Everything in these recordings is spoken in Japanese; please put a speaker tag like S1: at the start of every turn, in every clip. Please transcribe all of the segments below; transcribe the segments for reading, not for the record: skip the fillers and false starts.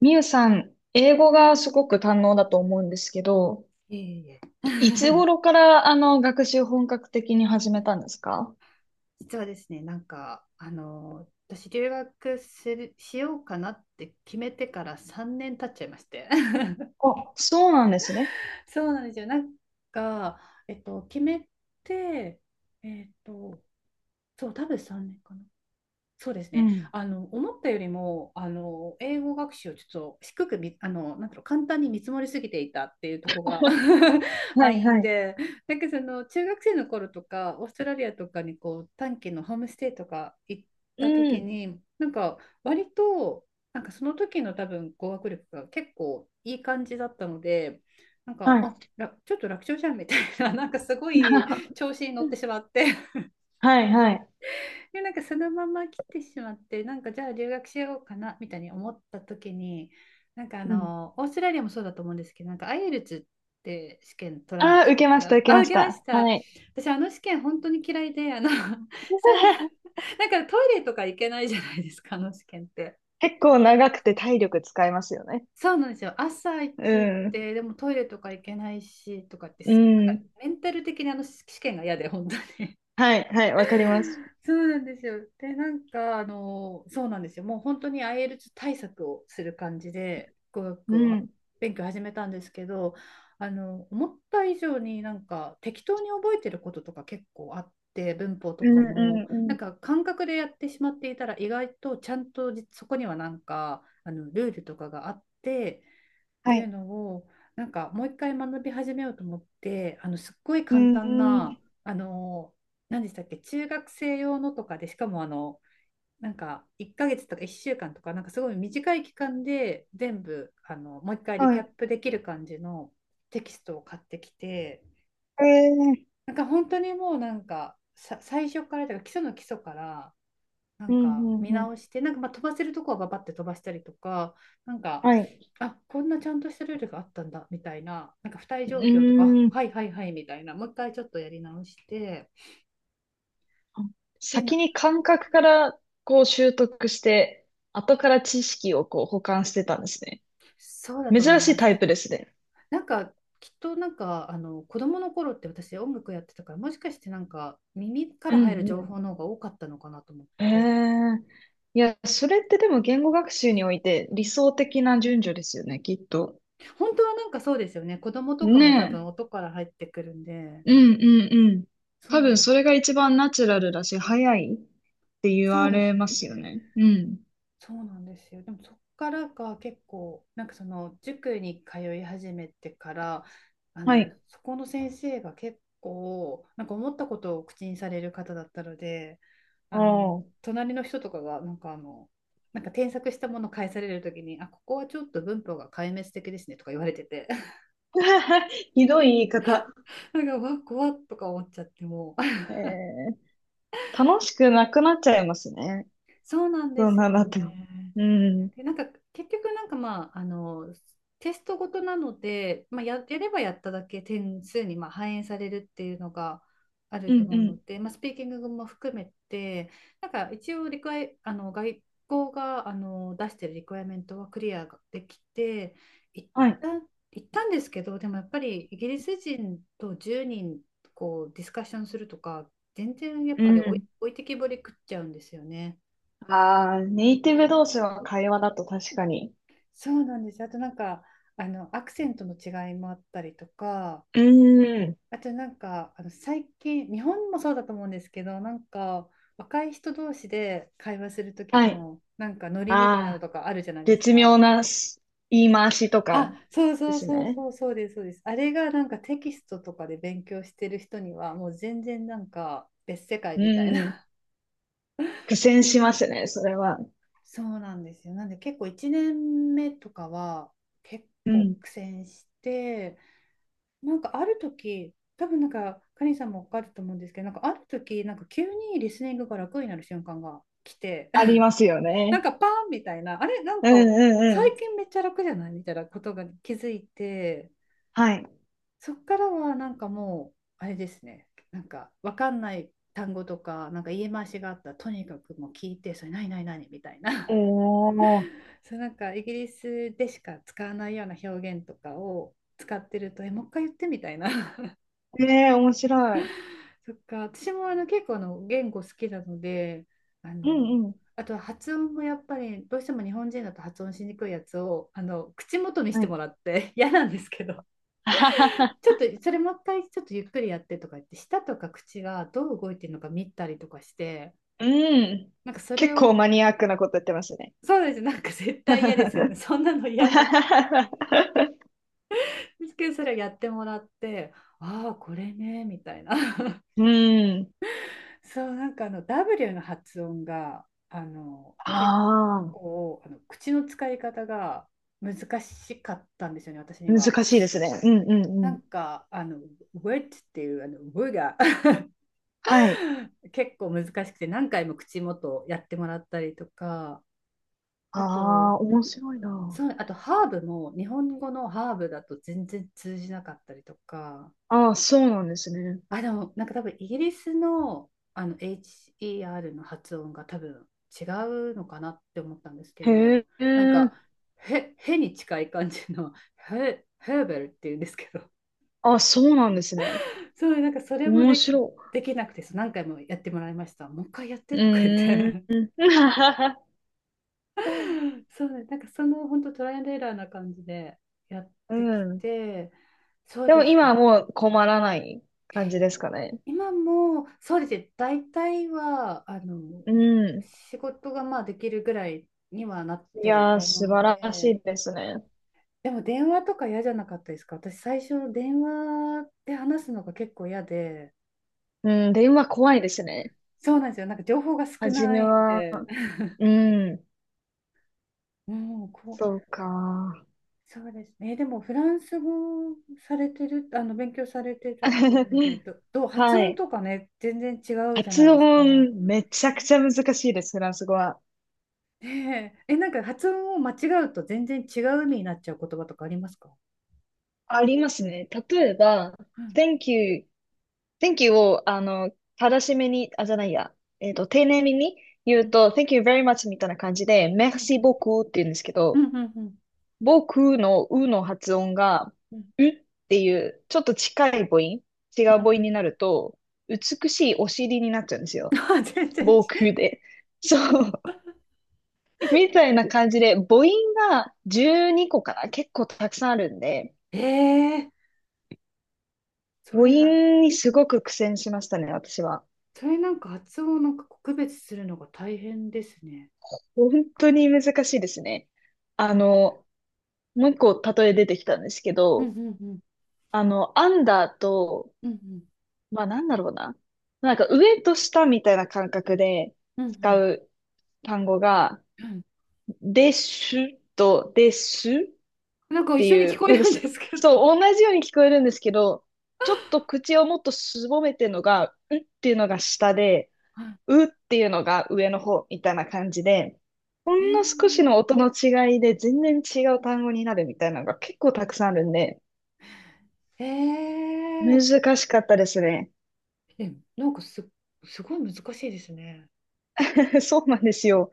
S1: みゆさん、英語がすごく堪能だと思うんですけど、
S2: いえいえ。
S1: いつ 頃から学習本格的に始めたんですか？
S2: 実はですね、私、留学する、しようかなって決めてから3年経っちゃいまして。
S1: あ、そうなんですね。
S2: そうなんですよ。か、決めて、えっと、そう、多分3年かな。そうです
S1: う
S2: ね。
S1: ん。
S2: 思ったよりも、英語学習をちょっと低くみ、あの、なんだろう、簡単に見積もりすぎていたっていうところが
S1: は
S2: 敗
S1: いは
S2: 因
S1: い。
S2: で、中学生の頃とか、オーストラリアとかにこう、短期のホームステイとか行っ
S1: う
S2: た時
S1: ん。
S2: に、割と、その時の多分語学力が結構いい感じだったので、
S1: はい。
S2: あ、ちょっと楽勝じゃんみたいな、なんかすごい調 子に乗ってしまって、
S1: はいはい。
S2: で、そのまま来てしまって、じゃあ留学しようかなみたいに思った時に、
S1: うん。
S2: オーストラリアもそうだと思うんですけど、IELTS って試験取らな
S1: ああ、
S2: くて、
S1: 受けました、受け
S2: あ、
S1: ま
S2: 受
S1: し
S2: けまし
S1: た。
S2: た。
S1: はい。
S2: 私、あの試験本当に嫌いで、さん なんかトイレとか行けないじゃないですか、あの試験って。
S1: 結構長くて体力使いますよね。
S2: そうなんですよ。朝一
S1: う
S2: 行っ
S1: ん。
S2: て、でもトイレとか行けないしとかって、
S1: う
S2: すごい
S1: ん。
S2: メンタル的にあの試験が嫌で、本当に。
S1: はいはい、わかります。
S2: そうなんですよ。で、そうなんですよ。もう本当に IELTS 対策をする感じで、語
S1: う
S2: 学を
S1: ん。
S2: 勉強始めたんですけど、思った以上に適当に覚えてることとか結構あって、文法と
S1: うん
S2: かも、
S1: うんうん。
S2: 感覚でやってしまっていたら、意外とちゃんとじそこにはルールとかがあって、って
S1: は
S2: いう
S1: い。
S2: のをもう一回学び始めようと思ってすっごい
S1: う
S2: 簡
S1: ん
S2: 単
S1: う
S2: な
S1: ん。
S2: 何でしたっけ、中学生用のとかで、しかも1ヶ月とか1週間とか、なんかすごい短い期間で全部もう一回リ
S1: は
S2: キャッ
S1: い。
S2: プできる感じのテキストを買ってきて、
S1: ええ、
S2: 本当にもうなんかさ最初からというか基礎の基礎から
S1: うんうん
S2: 見
S1: う
S2: 直
S1: ん。
S2: して、まあ飛ばせるとこはババって飛ばしたりとか、なんか、
S1: はい。
S2: あ、こんなちゃんとしたルールがあったんだみたいな、付帯
S1: う
S2: 状況とか、あ、
S1: ーん。
S2: はいはいはいみたいな、もう一回ちょっとやり直して、で、
S1: 先
S2: な
S1: に感覚からこう習得して、後から知識をこう補完してたんですね。
S2: そうだと思い
S1: 珍しい
S2: ま
S1: タ
S2: す。
S1: イプですね。
S2: なんかきっと子供の頃って私音楽やってたから、もしかして耳か
S1: う
S2: ら入
S1: ん
S2: る情
S1: う
S2: 報の方が多かったのかなと思っ
S1: ん、へ
S2: て。
S1: え。いや、それってでも言語学習において理想的な順序ですよね、きっと。
S2: 本当はそうですよね、子供とか
S1: ね
S2: も多分音から入ってくるんで。
S1: え。うんうんうん。多
S2: そう、
S1: 分それが一番ナチュラルだし、早いって言
S2: そう
S1: わ
S2: で
S1: れ
S2: すよ
S1: ますよ
S2: ね。
S1: ね。うん。ん。
S2: そうなんですよ。でもそっからが結構その塾に通い始めてから、
S1: はい。
S2: そこの先生が結構思ったことを口にされる方だったので、
S1: あ
S2: あの
S1: あ。
S2: 隣の人とかが添削したものを返されるときに、あ、ここはちょっと文法が壊滅的ですねとか言われてて
S1: ひどい言い方。
S2: なんかわ怖っとか思っちゃって、もう
S1: え、楽しくなくなっちゃいますね。
S2: そうなんで
S1: そん
S2: す
S1: なん
S2: よ
S1: だと。
S2: ね。
S1: うん。
S2: で、結局テストごとなので、まあ、やればやっただけ点数にまあ反映されるっていうのがある
S1: う
S2: と
S1: んう
S2: 思うの
S1: ん。
S2: で、まあ、スピーキングも含めて、一応リクエ、あの、外交が出してるリクエアメントはクリアできて、一
S1: はい。
S2: 旦行ったんですけど、でもやっぱりイギリス人と10人こうディスカッションするとか、全然やっ
S1: う
S2: ぱり
S1: ん。
S2: 置いてきぼり食っちゃうんですよね。
S1: ああ、ネイティブ同士の会話だと確かに。
S2: そうなんです。あとアクセントの違いもあったりとか、
S1: うん。
S2: あと最近、日本もそうだと思うんですけど、若い人同士で会話する時
S1: はい。
S2: の、ノリみたいなの
S1: ああ、
S2: とかあるじゃないです
S1: 絶妙
S2: か。
S1: なし言い回しと
S2: あ、
S1: か
S2: そう
S1: で
S2: そう
S1: す
S2: そう
S1: ね。
S2: そう、そうです、そうです。あれがテキストとかで勉強してる人には、もう全然別世界
S1: う
S2: みたいな。
S1: ん。苦戦しますね、それは。
S2: そうなんですよ。なんで結構1年目とかは結
S1: う
S2: 構
S1: ん。
S2: 苦戦して、ある時、多分カリンさんもわかると思うんですけど、ある時、急にリスニングが楽になる瞬間が来て、
S1: ありますよ ね。
S2: パーンみたいな、あれ、
S1: うんうんう
S2: 最
S1: ん。
S2: 近めっちゃ楽じゃないみたいなことが気づいて、
S1: はい。
S2: そっからはなんかもう、あれですね、わかんない単語とか、言い回しがあったら、とにかくもう聞いて、それ何何何みたいな、
S1: おー。
S2: そう、イギリスでしか使わないような表現とかを使ってると、え、もう一回言ってみたいな。
S1: ええ、面白い。
S2: そっか、私も結構言語好きなので、あ
S1: う
S2: の、
S1: んうん。
S2: あとは発音もやっぱりどうしても日本人だと発音しにくいやつを口元にし
S1: は
S2: ても
S1: い。
S2: らって 嫌なんですけど、ち ょっとそれもう一回ちょっとゆっくりやってとか言って、舌とか口がどう動いてるのか見たりとかして、
S1: うん。
S2: なんかそれ
S1: 結構
S2: を、
S1: マニアックなこと言ってますね。
S2: そうです、絶対嫌ですよね。そんなの嫌なん ですけど、それをやってもらって、ああー、これね、みたいな。
S1: うん。
S2: そう、W の発音が
S1: あ
S2: 結構口の使い方が難しかったんですよね、私に
S1: あ、難
S2: は。
S1: しいですね。うんうんう
S2: な
S1: ん。
S2: んかあの「wet」っていう「w」が
S1: はい。
S2: 結構難しくて、何回も口元やってもらったりとか。
S1: あ
S2: あ
S1: あ、
S2: と、
S1: 面白いな。
S2: そう、あとハーブも日本語のハーブだと全然通じなかったりとか。
S1: ああ、そうなんですね。
S2: あ、でも、多分イギリスの、HER の発音が多分違うのかなって思ったんですけど、
S1: へえ。
S2: なんか、へ、へに近い感じの、へ、ヘーベルっていうんですけど、
S1: あ、そうなんですね。
S2: そう、なんかそれも
S1: 面
S2: で、
S1: 白
S2: できなくて、そう何回もやってもらいました。もう一回やっ
S1: い。
S2: てとか言っ
S1: う
S2: て。
S1: ーん。
S2: そうね、その本当トライアンドエラーな感じでやっ
S1: う
S2: てき
S1: ん。
S2: て、そう
S1: で
S2: で
S1: も
S2: す
S1: 今は
S2: ね。
S1: もう困らない感じですかね。
S2: 今も、そうですね、大体は、
S1: うん。
S2: 仕事がまあできるぐらいにはなっ
S1: い
S2: てる
S1: やー、
S2: と思う
S1: 素
S2: の
S1: 晴らし
S2: で。
S1: いですね。
S2: でも電話とか嫌じゃなかったですか？私、最初電話で話すのが結構嫌で、
S1: うん。で、今怖いですね。
S2: そうなんですよ。情報が少
S1: 初
S2: な
S1: め
S2: いん
S1: は、
S2: で。
S1: うん、
S2: うん、こう、
S1: そうか。
S2: そうですね。でもフランス語されてる、勉強されてるっていうので、ど、どう、発
S1: は
S2: 音
S1: い。
S2: とかね、全然違うじゃない
S1: 発
S2: ですか。
S1: 音、めちゃくちゃ難しいです、フランス語は。
S2: ねえ、え、発音を間違うと全然違う意味になっちゃう言葉とかありますか？
S1: ありますね。例えば、
S2: うん。
S1: thank you、 thank you を、正しめに、あ、じゃないや、丁寧めに言う
S2: う
S1: と、thank you very much みたいな感じで、merci
S2: ん。
S1: beaucoup って言うんですけ
S2: うん。う
S1: ど、
S2: ん。うん。うん。
S1: 僕のうの発音が、
S2: うん。
S1: うっていう、ちょっと近い母音、違う母
S2: うん。う
S1: 音
S2: ん。
S1: になると、美しいお尻になっちゃうんですよ。
S2: 全然
S1: 防
S2: ち。
S1: 空で。そう。みたいな感じで、母音が12個かな、結構たくさんあるんで、
S2: ええ、そ
S1: 母
S2: れは、
S1: 音にすごく苦戦しましたね、私は。
S2: それ発音を区別するのが大変ですね。
S1: 本当に難しいですね。あの、もう一個例え出てきたんですけ
S2: うん。う
S1: ど、
S2: ん。うん。
S1: アンダーと、
S2: うん。
S1: まあなんだろうな。なんか上と下みたいな感覚で
S2: うん。うん。う
S1: 使
S2: ん。
S1: う単語が、
S2: うん。
S1: ですと、です。って
S2: 一緒に
S1: い
S2: 聞
S1: う、
S2: こえ
S1: なんか
S2: るんですけど。
S1: そう、同じように聞こえるんですけど、ちょっと口をもっとすぼめてるのが、うっていうのが下で、
S2: は
S1: うっていうのが上の方みたいな感じで、ほ
S2: い。
S1: んの少しの音の違いで全然違う単語になるみたいなのが結構たくさんあるんで、
S2: ー、えー、
S1: 難しかったですね。
S2: え、なんかす、すごい難しいですね。
S1: そうなんですよ。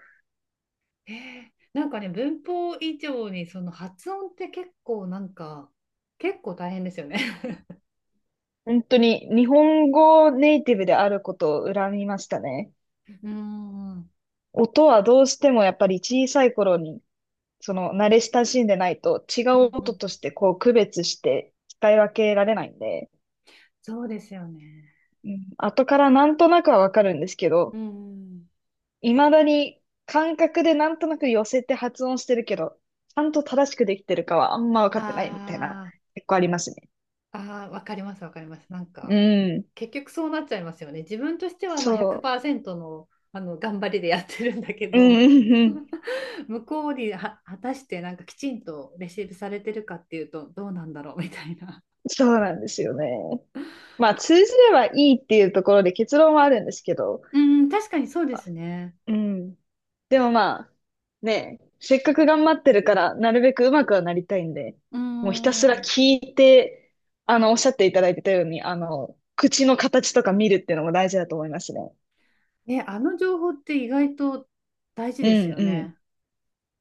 S2: ええ、文法以上にその発音って結構結構大変ですよね。
S1: 本当に日本語ネイティブであることを恨みましたね。
S2: うん。うん。
S1: 音はどうしてもやっぱり小さい頃にその慣れ親しんでないと違う
S2: うんう
S1: 音
S2: ん。
S1: としてこう区別して使い分けられないんで、
S2: そうですよね。
S1: うん、後からなんとなくはわかるんですけ
S2: う
S1: ど、
S2: ん。うん。
S1: 未だに感覚でなんとなく寄せて発音してるけど、ちゃんと正しくできてるかはあんま分かってないみたいな、
S2: ああ。
S1: 結構ありますね。
S2: ああ、わかります、わかります。
S1: うん。
S2: 結局そうなっちゃいますよね。自分としてはまあ
S1: そ
S2: 100%の、頑張りでやってるんだけ
S1: う。うん
S2: ど、
S1: うんうん。
S2: 向こうには果たしてきちんとレシーブされてるかっていうと、どうなんだろうみたいな。
S1: そうなんですよね。まあ通じればいいっていうところで結論はあるんですけど、
S2: うん、確かにそうですね。
S1: うん。でもまあ、ねえ、せっかく頑張ってるから、なるべくうまくはなりたいんで、
S2: う
S1: もうひたすら
S2: ん。
S1: 聞いて、おっしゃっていただいてたように、口の形とか見るっていうのも大事だと思いますね。
S2: ね、あの情報って意外と大事
S1: う
S2: です
S1: ん
S2: よ
S1: うん。
S2: ね。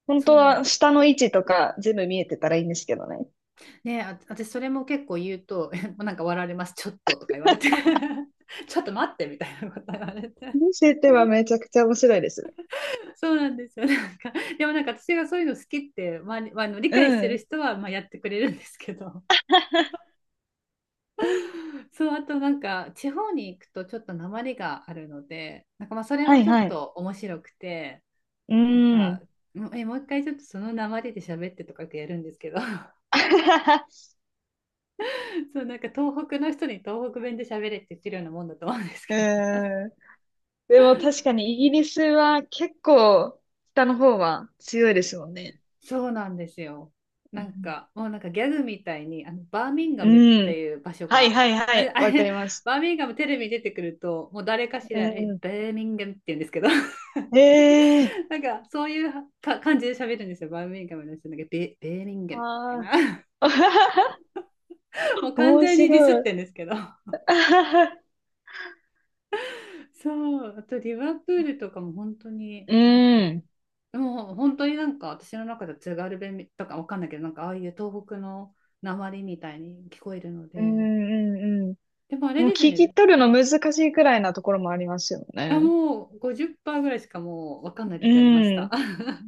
S1: 本
S2: そ
S1: 当
S2: う。
S1: は下の位置とか全部見えてたらいいんですけどね。
S2: ね、あ、私それも結構言うと、笑われます、ちょっととか言われて、ちょっと待ってみたいなこと言われて。
S1: 見せてはめちゃくちゃ面白いです
S2: そうなんですよ。でも私がそういうの好きって、まあ、まあの理
S1: ね。
S2: 解して
S1: う
S2: る
S1: ん。
S2: 人はまあやってくれるんですけど、そう、あと地方に行くとちょっと訛りがあるので、まあそれ
S1: は
S2: も
S1: い
S2: ちょっ
S1: はい。
S2: と面白くて、
S1: うー
S2: なんか、
S1: ん。
S2: もう一回ちょっとその訛りで喋ってとかってやるんですけど、そう、東北の人に東北弁で喋れって言ってるようなもんだと思うんです
S1: う
S2: けど。
S1: ーん。でも確かにイギリスは結構下の方は強いですもんね。
S2: そうなんですよ。
S1: うん。
S2: もうギャグみたいに、バーミンガ
S1: う
S2: ムって
S1: ん、
S2: いう場所
S1: はい
S2: が、
S1: はいは
S2: あれ、
S1: い。
S2: あ
S1: わか
S2: れ、
S1: ります。
S2: バーミンガムテレビに出てくると、もう誰かし
S1: う
S2: ら、え
S1: ん。
S2: バーミンガムって言うんですけど、
S1: ええー、
S2: そういう感じで喋るんですよ。バーミンガムの人なんか、ベーミンガムみたい
S1: あ
S2: な。
S1: あ。
S2: も う完
S1: 面
S2: 全にディスっ
S1: 白い。
S2: てんですけど。そう、あとリバプールとかも本当に、
S1: うん。
S2: もう本当に私の中では津軽弁とかわかんないけど、ああいう東北の鉛りみたいに聞こえるの
S1: うん
S2: で。
S1: うんう
S2: でもあ
S1: ん。
S2: れ
S1: もう
S2: ですよ
S1: 聞き
S2: ね。
S1: 取るの難しいくらいなところもありますよ
S2: あ、
S1: ね。
S2: もう50%ぐらいしかもう分かんない
S1: う
S2: 時ありました。
S1: ん。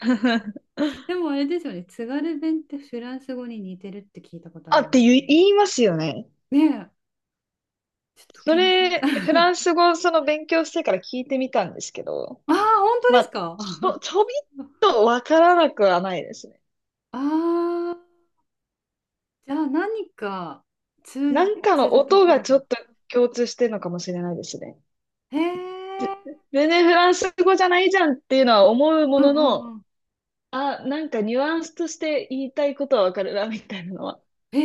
S2: でもあれですよね。津軽弁ってフランス語に似てるって聞いたことあ
S1: あ
S2: るん
S1: っ
S2: です
S1: て言
S2: よ
S1: い、
S2: ね。
S1: 言いますよね。
S2: ねえ、ちょっと
S1: そ
S2: 検証。
S1: れ、フランス語その勉強してから聞いてみたんですけど、
S2: ああ、本当で
S1: ま
S2: す
S1: あ、
S2: か？
S1: ちょ、ちょびっとわからなくはないですね。
S2: ああ、じゃあ何か
S1: な
S2: 通
S1: んか
S2: ず
S1: の
S2: ると
S1: 音
S2: こ
S1: が
S2: ろ
S1: ちょ
S2: が。
S1: っと共通してるのかもしれないですね。
S2: へえ。
S1: ぜ全然フランス語じゃないじゃんっていうのは思うも
S2: うん。
S1: の
S2: うん。
S1: の、
S2: うん。
S1: あ、なんかニュアンスとして言いたいことはわかるな、みたいなのは
S2: へ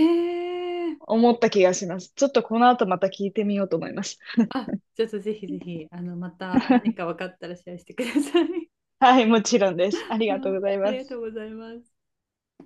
S2: え、
S1: 思った気がします。ちょっとこの後また聞いてみようと思います。
S2: あ、ちょっとぜひぜひ、また何か分かったらシェアしてください。
S1: はい、もちろんです。あり がとう
S2: あ
S1: ござい
S2: あり
S1: ま
S2: がと
S1: す。
S2: うございます。